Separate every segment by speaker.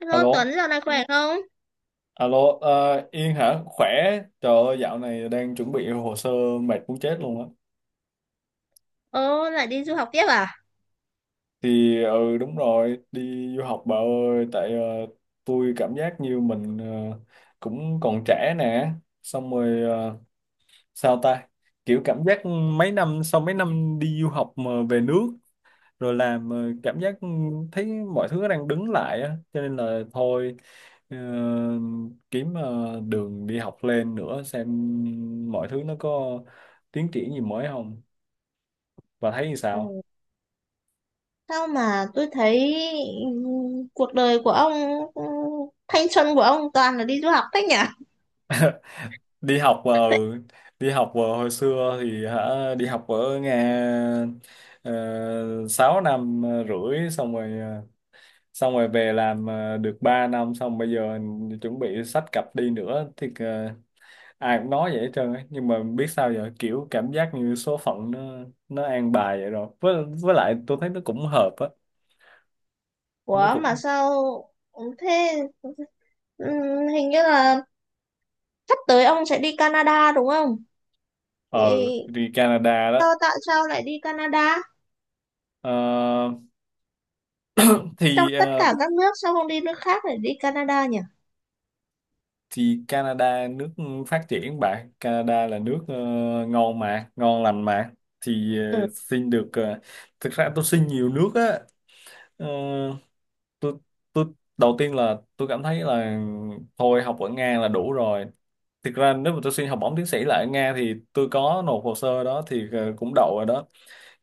Speaker 1: Hello
Speaker 2: Alo,
Speaker 1: Tuấn, dạo này khỏe không?
Speaker 2: alo, Yên hả? Khỏe, trời ơi, dạo này đang chuẩn bị hồ sơ mệt muốn chết luôn á.
Speaker 1: Ồ, lại đi du học tiếp à?
Speaker 2: Thì ừ đúng rồi, đi du học bà ơi, tại tôi cảm giác như mình cũng còn trẻ nè, xong rồi sao ta? Kiểu cảm giác mấy năm sau, mấy năm đi du học mà về nước rồi làm cảm giác thấy mọi thứ đang đứng lại á, cho nên là thôi ờ, kiếm đường đi học lên nữa, xem mọi thứ nó có tiến triển gì mới không, và thấy như
Speaker 1: Ừ.
Speaker 2: sao.
Speaker 1: Sao mà tôi thấy ừ, cuộc đời của ông, ừ, thanh xuân của ông toàn là đi du học thế nhỉ?
Speaker 2: đi học ờ, Hồi xưa thì hả, đi học ở Nga 6 năm rưỡi, xong rồi về làm được 3 năm, xong bây giờ chuẩn bị xách cặp đi nữa thì ai cũng nói vậy hết trơn á, nhưng mà biết sao giờ, kiểu cảm giác như số phận nó an bài vậy rồi, với lại tôi thấy nó cũng hợp á, nó
Speaker 1: Ủa mà
Speaker 2: cũng
Speaker 1: sao, thế, ừ, hình như là sắp tới ông sẽ đi Canada đúng không? Thì
Speaker 2: ờ đi Canada đó.
Speaker 1: sao, tại sao lại đi Canada?
Speaker 2: Ờ,
Speaker 1: Trong
Speaker 2: thì
Speaker 1: tất
Speaker 2: ờ,
Speaker 1: cả các nước sao không đi nước khác lại đi Canada nhỉ?
Speaker 2: thì Canada nước phát triển bạn, Canada là nước ngon mà, ngon lành mà, thì
Speaker 1: Ừ,
Speaker 2: xin được thực ra tôi xin nhiều nước á. Ờ, tôi tôi đầu tiên là tôi cảm thấy là thôi, học ở Nga là đủ rồi. Thực ra nếu mà tôi xin học bổng tiến sĩ lại ở Nga thì tôi có nộp hồ sơ đó, thì cũng đậu rồi đó,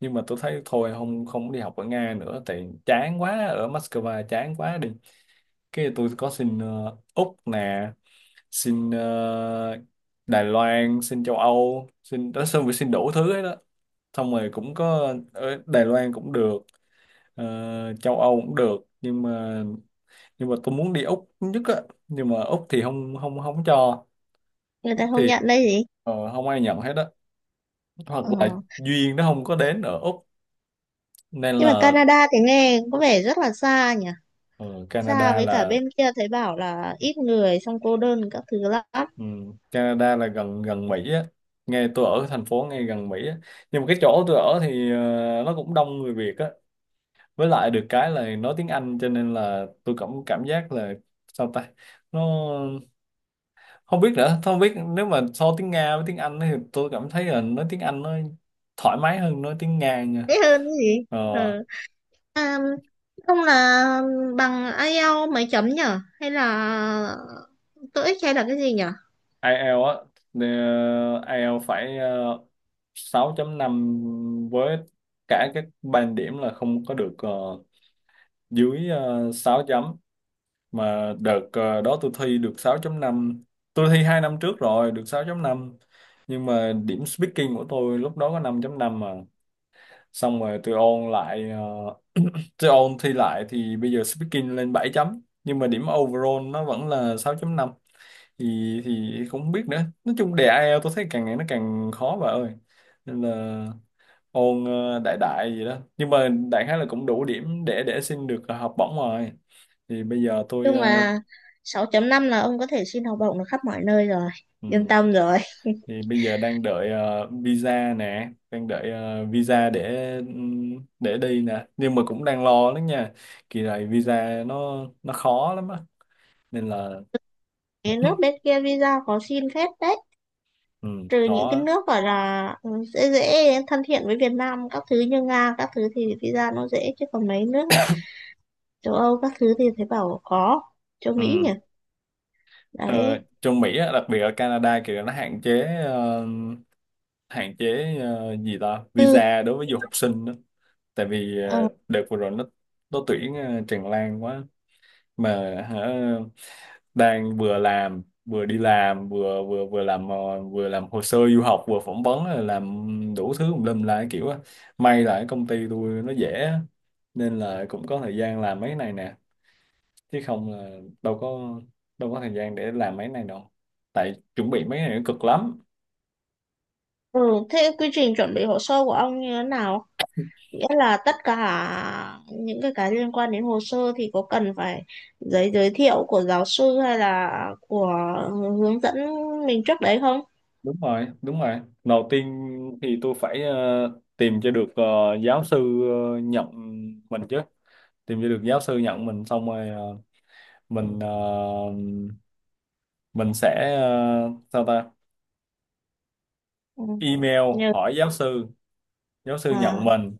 Speaker 2: nhưng mà tôi thấy thôi, không không đi học ở Nga nữa, tại chán quá, ở Moscow chán quá đi. Cái tôi có xin Úc nè, xin Đài Loan, xin châu Âu, xin đó xong rồi xin đủ thứ ấy đó. Xong rồi cũng có, ở Đài Loan cũng được, châu Âu cũng được, nhưng mà tôi muốn đi Úc nhất á, nhưng mà Úc thì không không không cho.
Speaker 1: người
Speaker 2: Úc
Speaker 1: ta không
Speaker 2: thì
Speaker 1: nhận đây gì?
Speaker 2: không ai nhận hết á, hoặc
Speaker 1: Ờ.
Speaker 2: là duyên nó không có đến ở Úc, nên
Speaker 1: Nhưng mà
Speaker 2: là
Speaker 1: Canada thì nghe có vẻ rất là xa nhỉ?
Speaker 2: ờ,
Speaker 1: Xa
Speaker 2: Canada
Speaker 1: với cả
Speaker 2: là
Speaker 1: bên kia thấy bảo là ít người, xong cô đơn các thứ lắm.
Speaker 2: Canada là gần gần Mỹ á. Nghe tôi ở thành phố ngay gần Mỹ á, nhưng mà cái chỗ tôi ở thì nó cũng đông người Việt á, với lại được cái là nói tiếng Anh, cho nên là tôi cảm cảm giác là sao ta, nó không biết nữa, không biết nếu mà so tiếng Nga với tiếng Anh thì tôi cảm thấy là nói tiếng Anh nó thoải mái hơn nói tiếng Nga nha.
Speaker 1: Thế hơn cái gì.
Speaker 2: Ờ,
Speaker 1: Ừ. À, không, là bằng IELTS mấy chấm nhở, hay là TOEIC hay là cái gì nhở?
Speaker 2: IELTS á, ờ, IELTS phải 6.5, với cả các band điểm là không có được dưới 6 chấm. Mà đợt đó tôi thi được 6.5. Tôi thi 2 năm trước rồi, được 6.5. Nhưng mà điểm speaking của tôi lúc đó có 5.5 mà, xong rồi tôi ôn thi lại thì bây giờ speaking lên 7 chấm, nhưng mà điểm overall nó vẫn là 6.5. Thì không biết nữa, nói chung đề IELTS tôi thấy càng ngày nó càng khó bà ơi. Nên là ôn đại đại gì đó, nhưng mà đại khái là cũng đủ điểm để xin được học bổng rồi. thì bây giờ tôi
Speaker 1: Chung
Speaker 2: ờ,
Speaker 1: là sáu chấm năm là ông có thể xin học bổng được khắp mọi nơi rồi,
Speaker 2: ừ,
Speaker 1: yên tâm rồi.
Speaker 2: thì bây giờ đang đợi visa nè, đang đợi visa để đi nè, nhưng mà cũng đang lo lắm nha. Kỳ này visa nó khó lắm á, nên là
Speaker 1: Cái nước bên kia visa khó xin phết đấy,
Speaker 2: ừ,
Speaker 1: trừ những cái
Speaker 2: khó.
Speaker 1: nước gọi là dễ dễ, thân thiện với Việt Nam các thứ như Nga các thứ thì visa nó dễ, chứ còn mấy nước châu Âu các thứ thì thấy bảo khó, châu Mỹ
Speaker 2: Ừ.
Speaker 1: nhỉ.
Speaker 2: Ờ,
Speaker 1: Đấy.
Speaker 2: Trong Mỹ á, đặc biệt ở Canada kìa, nó hạn chế gì ta,
Speaker 1: ừ,
Speaker 2: visa đối với du học sinh đó. Tại vì
Speaker 1: ờ,
Speaker 2: đợt vừa rồi nó tuyển tràn lan quá. Mà hả, đang vừa làm vừa đi làm vừa vừa vừa làm ờ, vừa làm hồ sơ du học, vừa phỏng vấn, rồi làm đủ thứ tùm lum lại kiểu á. May là cái công ty tôi nó dễ á, nên là cũng có thời gian làm mấy này nè, chứ không là đâu có thời gian để làm mấy này đâu, tại chuẩn bị mấy này nó cực lắm.
Speaker 1: ừ. Thế quy trình chuẩn bị hồ sơ của ông như thế nào, nghĩa là tất cả những cái liên quan đến hồ sơ thì có cần phải giấy giới thiệu của giáo sư hay là của hướng dẫn mình trước đấy không?
Speaker 2: Đúng rồi, đúng rồi. Đầu tiên thì tôi phải tìm cho được giáo sư nhận mình chứ. Tìm cho được giáo sư nhận mình, xong rồi mình ờ, mình sẽ sao ta,
Speaker 1: Ừ.
Speaker 2: email
Speaker 1: Nhờ.
Speaker 2: hỏi giáo sư. Giáo sư
Speaker 1: À.
Speaker 2: nhận mình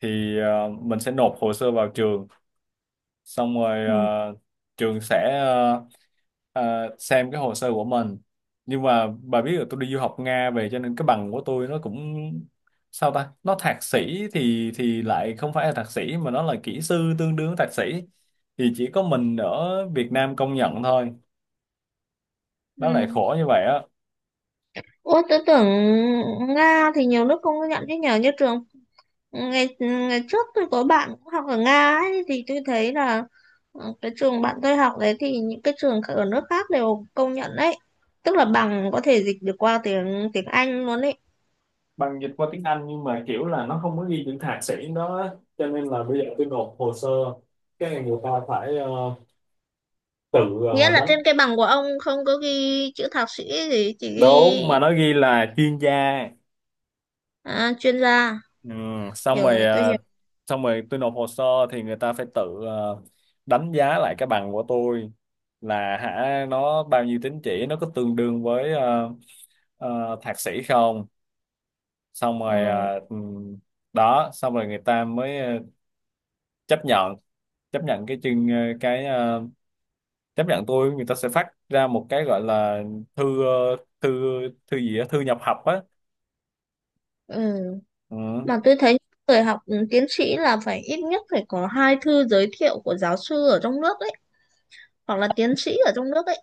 Speaker 2: thì mình sẽ nộp hồ sơ vào trường, xong rồi
Speaker 1: Ừ.
Speaker 2: trường sẽ xem cái hồ sơ của mình. Nhưng mà bà biết là tôi đi du học Nga về, cho nên cái bằng của tôi nó cũng sao ta, nó thạc sĩ thì lại không phải là thạc sĩ, mà nó là kỹ sư tương đương thạc sĩ, thì chỉ có mình ở Việt Nam công nhận thôi,
Speaker 1: Ừ.
Speaker 2: nó lại khổ như vậy á.
Speaker 1: Ủa, tôi tưởng Nga thì nhiều nước không có nhận chứ nhờ, như trường ngày ngày trước tôi có bạn cũng học ở Nga ấy, thì tôi thấy là ờ, cái trường bạn tôi học đấy thì những cái trường ở nước khác đều công nhận đấy, tức là bằng có thể dịch được qua tiếng tiếng Anh luôn đấy.
Speaker 2: Bằng dịch qua tiếng Anh nhưng mà kiểu là nó không có ghi những thạc sĩ đó á. Cho nên là bây giờ tôi nộp hồ sơ, cái người ta phải tự
Speaker 1: Nghĩa là
Speaker 2: đánh.
Speaker 1: trên cái bằng của ông không có ghi chữ thạc sĩ gì, chỉ ghi
Speaker 2: Đúng, mà nó ghi là chuyên gia.
Speaker 1: à, chuyên gia.
Speaker 2: Ừ. xong
Speaker 1: Hiểu
Speaker 2: rồi
Speaker 1: rồi, tôi
Speaker 2: à,
Speaker 1: hiểu.
Speaker 2: Xong rồi tôi nộp hồ sơ, thì người ta phải tự đánh giá lại cái bằng của tôi, là hả, nó bao nhiêu tín chỉ, nó có tương đương với thạc sĩ không. Xong rồi
Speaker 1: ờ,
Speaker 2: đó, xong rồi người ta mới chấp nhận chấp nhận cái chương ờ, cái ờ, chấp nhận tôi, người ta sẽ phát ra một cái gọi là thư ờ, thư thư gì á, thư nhập học á.
Speaker 1: ừ.
Speaker 2: Ừ.
Speaker 1: Mà tôi thấy người học tiến sĩ là phải ít nhất phải có hai thư giới thiệu của giáo sư ở trong nước ấy, hoặc là tiến sĩ ở trong nước ấy.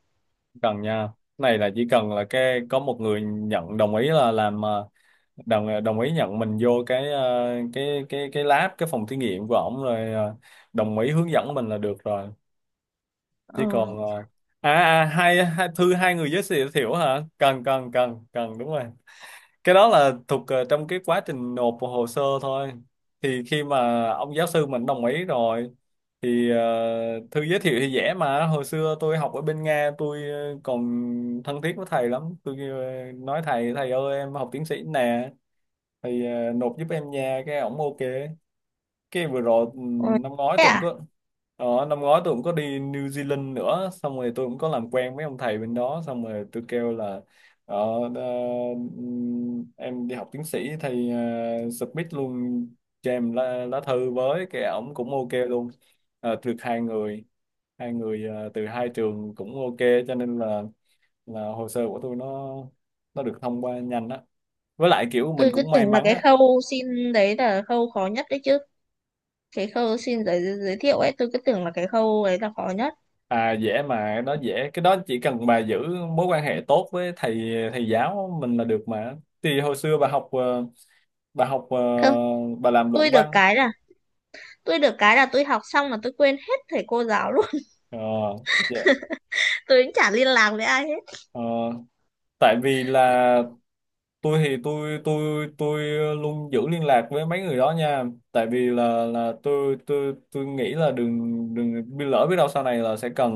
Speaker 2: Cần nha, này là chỉ cần là cái có một người nhận đồng ý là làm đồng ý nhận mình vô cái lab, cái phòng thí nghiệm của ổng rồi đồng ý hướng dẫn mình là được rồi. Chỉ
Speaker 1: ờ,
Speaker 2: còn hai thư, hai người giới thiệu thiệu hả, cần cần cần cần, đúng rồi. Cái đó là thuộc trong cái quá trình nộp hồ sơ thôi. Thì khi mà ông giáo sư mình đồng ý rồi, thì thư giới thiệu thì dễ mà. Hồi xưa tôi học ở bên Nga, tôi còn thân thiết với thầy lắm, tôi nói thầy thầy ơi, em học tiến sĩ nè, thì nộp giúp em nha, cái ổng ok. Cái vừa rồi
Speaker 1: ờ.
Speaker 2: năm ngoái
Speaker 1: Thế
Speaker 2: tôi cũng
Speaker 1: à.
Speaker 2: có năm ngoái tôi cũng có đi New Zealand nữa, xong rồi tôi cũng có làm quen mấy ông thầy bên đó, xong rồi tôi kêu là ờ, ờ, em đi học tiến sĩ thầy submit luôn cho em lá thư, với cái ổng cũng ok luôn. Được hai người từ hai trường cũng ok, cho nên là hồ sơ của tôi nó được thông qua nhanh á, với lại kiểu mình
Speaker 1: Tôi cứ
Speaker 2: cũng may
Speaker 1: tưởng là
Speaker 2: mắn
Speaker 1: cái
Speaker 2: á.
Speaker 1: khâu xin đấy là khâu khó nhất đấy chứ, cái khâu xin giới giới thiệu ấy tôi cứ tưởng là cái khâu ấy là khó nhất.
Speaker 2: À dễ mà, nó dễ. Cái đó chỉ cần bà giữ mối quan hệ tốt với thầy thầy giáo mình là được mà. Thì hồi xưa bà học ờ,
Speaker 1: Không,
Speaker 2: bà làm luận
Speaker 1: tôi được
Speaker 2: văn.
Speaker 1: cái là tôi được cái là tôi học xong mà tôi quên hết thầy cô giáo luôn.
Speaker 2: Ờ, dạ.
Speaker 1: Tôi cũng chả liên lạc với ai hết.
Speaker 2: Ờ, Tại vì là tôi thì tôi luôn giữ liên lạc với mấy người đó nha. Tại vì là tôi nghĩ là đừng đừng bị lỡ, biết đâu sau này là sẽ cần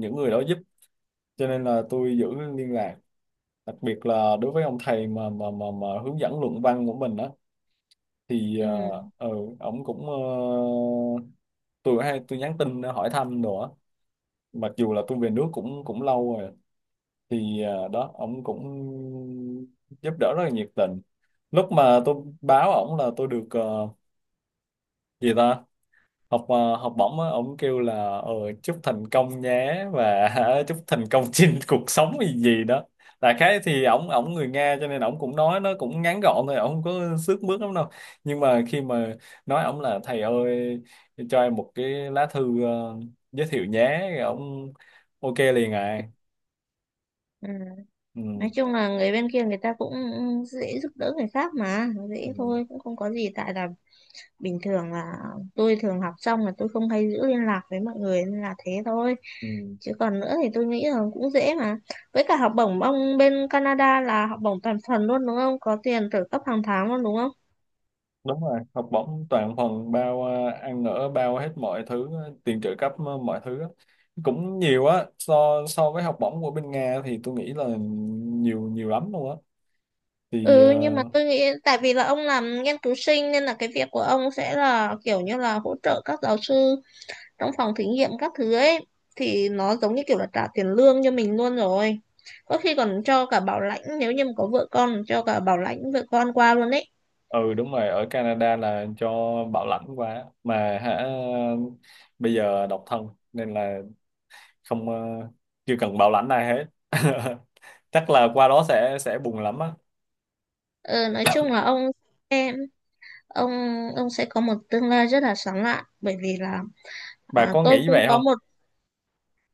Speaker 2: những người đó giúp. Cho nên là tôi giữ liên lạc. Đặc biệt là đối với ông thầy mà hướng dẫn luận văn của mình á, thì
Speaker 1: ừ,
Speaker 2: uh, ừ ổng cũng tôi hay nhắn tin hỏi thăm đồ á, mặc dù là tôi về nước cũng cũng lâu rồi. Thì đó ổng cũng giúp đỡ rất là nhiệt tình. Lúc mà tôi báo ổng là tôi được gì ta, học bổng á, ổng kêu là chúc thành công nhé và chúc thành công trên cuộc sống gì gì đó. Đại khái thì ổng ổng người Nga, cho nên ổng cũng nói nó cũng ngắn gọn thôi, ổng không có xước mướt lắm đâu. Nhưng mà khi mà nói ổng là, thầy ơi, cho em một cái lá thư giới thiệu nhé, ổng ok liền à.
Speaker 1: ừ. Nói
Speaker 2: Ừ.
Speaker 1: chung là người bên kia người ta cũng dễ giúp đỡ người khác mà,
Speaker 2: Ừ.
Speaker 1: dễ thôi, cũng không có gì, tại là bình thường là tôi thường học xong là tôi không hay giữ liên lạc với mọi người nên là thế thôi,
Speaker 2: Ừ.
Speaker 1: chứ còn nữa thì tôi nghĩ là cũng dễ mà. Với cả học bổng ông bên Canada là học bổng toàn phần luôn đúng không, có tiền trợ cấp hàng tháng luôn đúng không?
Speaker 2: Đúng rồi, học bổng toàn phần bao ăn ở, bao hết mọi thứ tiền trợ cấp mọi thứ á. Cũng nhiều á, so so với học bổng của bên Nga thì tôi nghĩ là nhiều nhiều lắm luôn á. Thì
Speaker 1: Ừ, nhưng mà tôi nghĩ tại vì là ông làm nghiên cứu sinh nên là cái việc của ông sẽ là kiểu như là hỗ trợ các giáo sư trong phòng thí nghiệm các thứ ấy, thì nó giống như kiểu là trả tiền lương cho mình luôn rồi. Có khi còn cho cả bảo lãnh, nếu như mà có vợ con cho cả bảo lãnh vợ con qua luôn ấy.
Speaker 2: ừ đúng rồi, ở Canada là cho bảo lãnh quá mà hả. Bây giờ độc thân nên là không ờ, chưa cần bảo lãnh ai hết. Chắc là qua đó sẽ buồn lắm á.
Speaker 1: Ờ, nói chung là ông ông sẽ có một tương lai rất là sáng lạn, bởi vì là
Speaker 2: Bà
Speaker 1: à,
Speaker 2: có
Speaker 1: tôi
Speaker 2: nghĩ
Speaker 1: cũng
Speaker 2: vậy
Speaker 1: có
Speaker 2: không?
Speaker 1: một,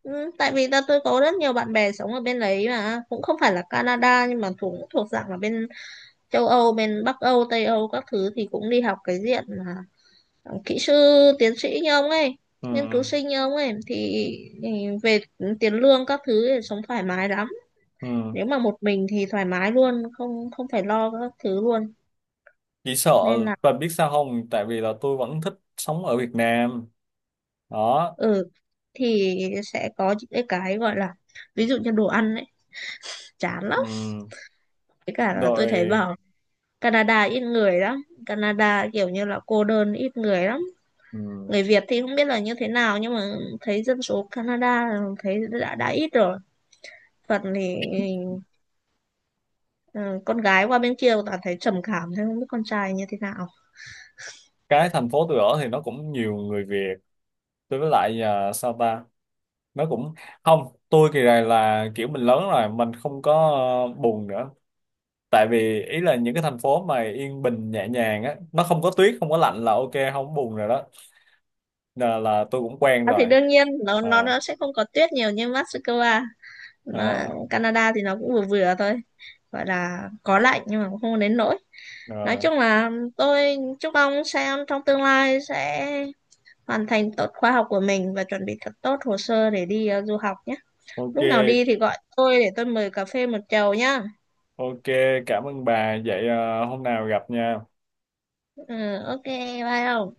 Speaker 1: ừ, tại vì là tôi có rất nhiều bạn bè sống ở bên đấy mà cũng không phải là Canada nhưng mà thuộc thuộc dạng là bên châu Âu, bên Bắc Âu, Tây Âu các thứ thì cũng đi học cái diện mà kỹ sư, tiến sĩ như ông ấy,
Speaker 2: Ừ,
Speaker 1: nghiên cứu sinh như ông ấy thì ừ, về tiền lương các thứ thì sống thoải mái lắm,
Speaker 2: ừ.
Speaker 1: nếu mà một mình thì thoải mái luôn, không không phải lo các thứ luôn,
Speaker 2: Chỉ sợ,
Speaker 1: nên là
Speaker 2: và biết sao không, tại vì là tôi vẫn thích sống ở Việt Nam đó.
Speaker 1: ừ thì sẽ có những cái gọi là, ví dụ như đồ ăn ấy, chán lắm.
Speaker 2: Ừm,
Speaker 1: Với cả là tôi thấy
Speaker 2: Rồi.
Speaker 1: bảo Canada ít người lắm, Canada kiểu như là cô đơn, ít người lắm.
Speaker 2: ừm,
Speaker 1: Người Việt thì không biết là như thế nào, nhưng mà thấy dân số Canada thấy đã ít rồi, phần thì ừ, con gái qua bên kia toàn thấy trầm cảm, thế không biết con trai như thế nào.
Speaker 2: cái thành phố tôi ở thì nó cũng nhiều người Việt. Tôi với lại sao ta, nó cũng không. Tôi kỳ này là kiểu mình lớn rồi, mình không có buồn nữa. Tại vì ý là những cái thành phố mà yên bình nhẹ nhàng á, nó không có tuyết, không có lạnh là ok, không có buồn rồi đó, là tôi cũng quen
Speaker 1: À, thì
Speaker 2: rồi.
Speaker 1: đương nhiên
Speaker 2: Ờ,
Speaker 1: nó sẽ không có tuyết nhiều như Moscow, nó,
Speaker 2: ờ,
Speaker 1: Canada thì nó cũng vừa vừa thôi, gọi là có lạnh nhưng mà cũng không đến nỗi. Nói
Speaker 2: Rồi,
Speaker 1: chung là tôi chúc ông xem trong tương lai sẽ hoàn thành tốt khóa học của mình và chuẩn bị thật tốt hồ sơ để đi du học nhé. Lúc nào đi
Speaker 2: ok.
Speaker 1: thì gọi tôi để tôi mời cà phê một chầu nhá.
Speaker 2: Ok, cảm ơn bà. Vậy hôm nào gặp nha.
Speaker 1: Ừ, ok bye không.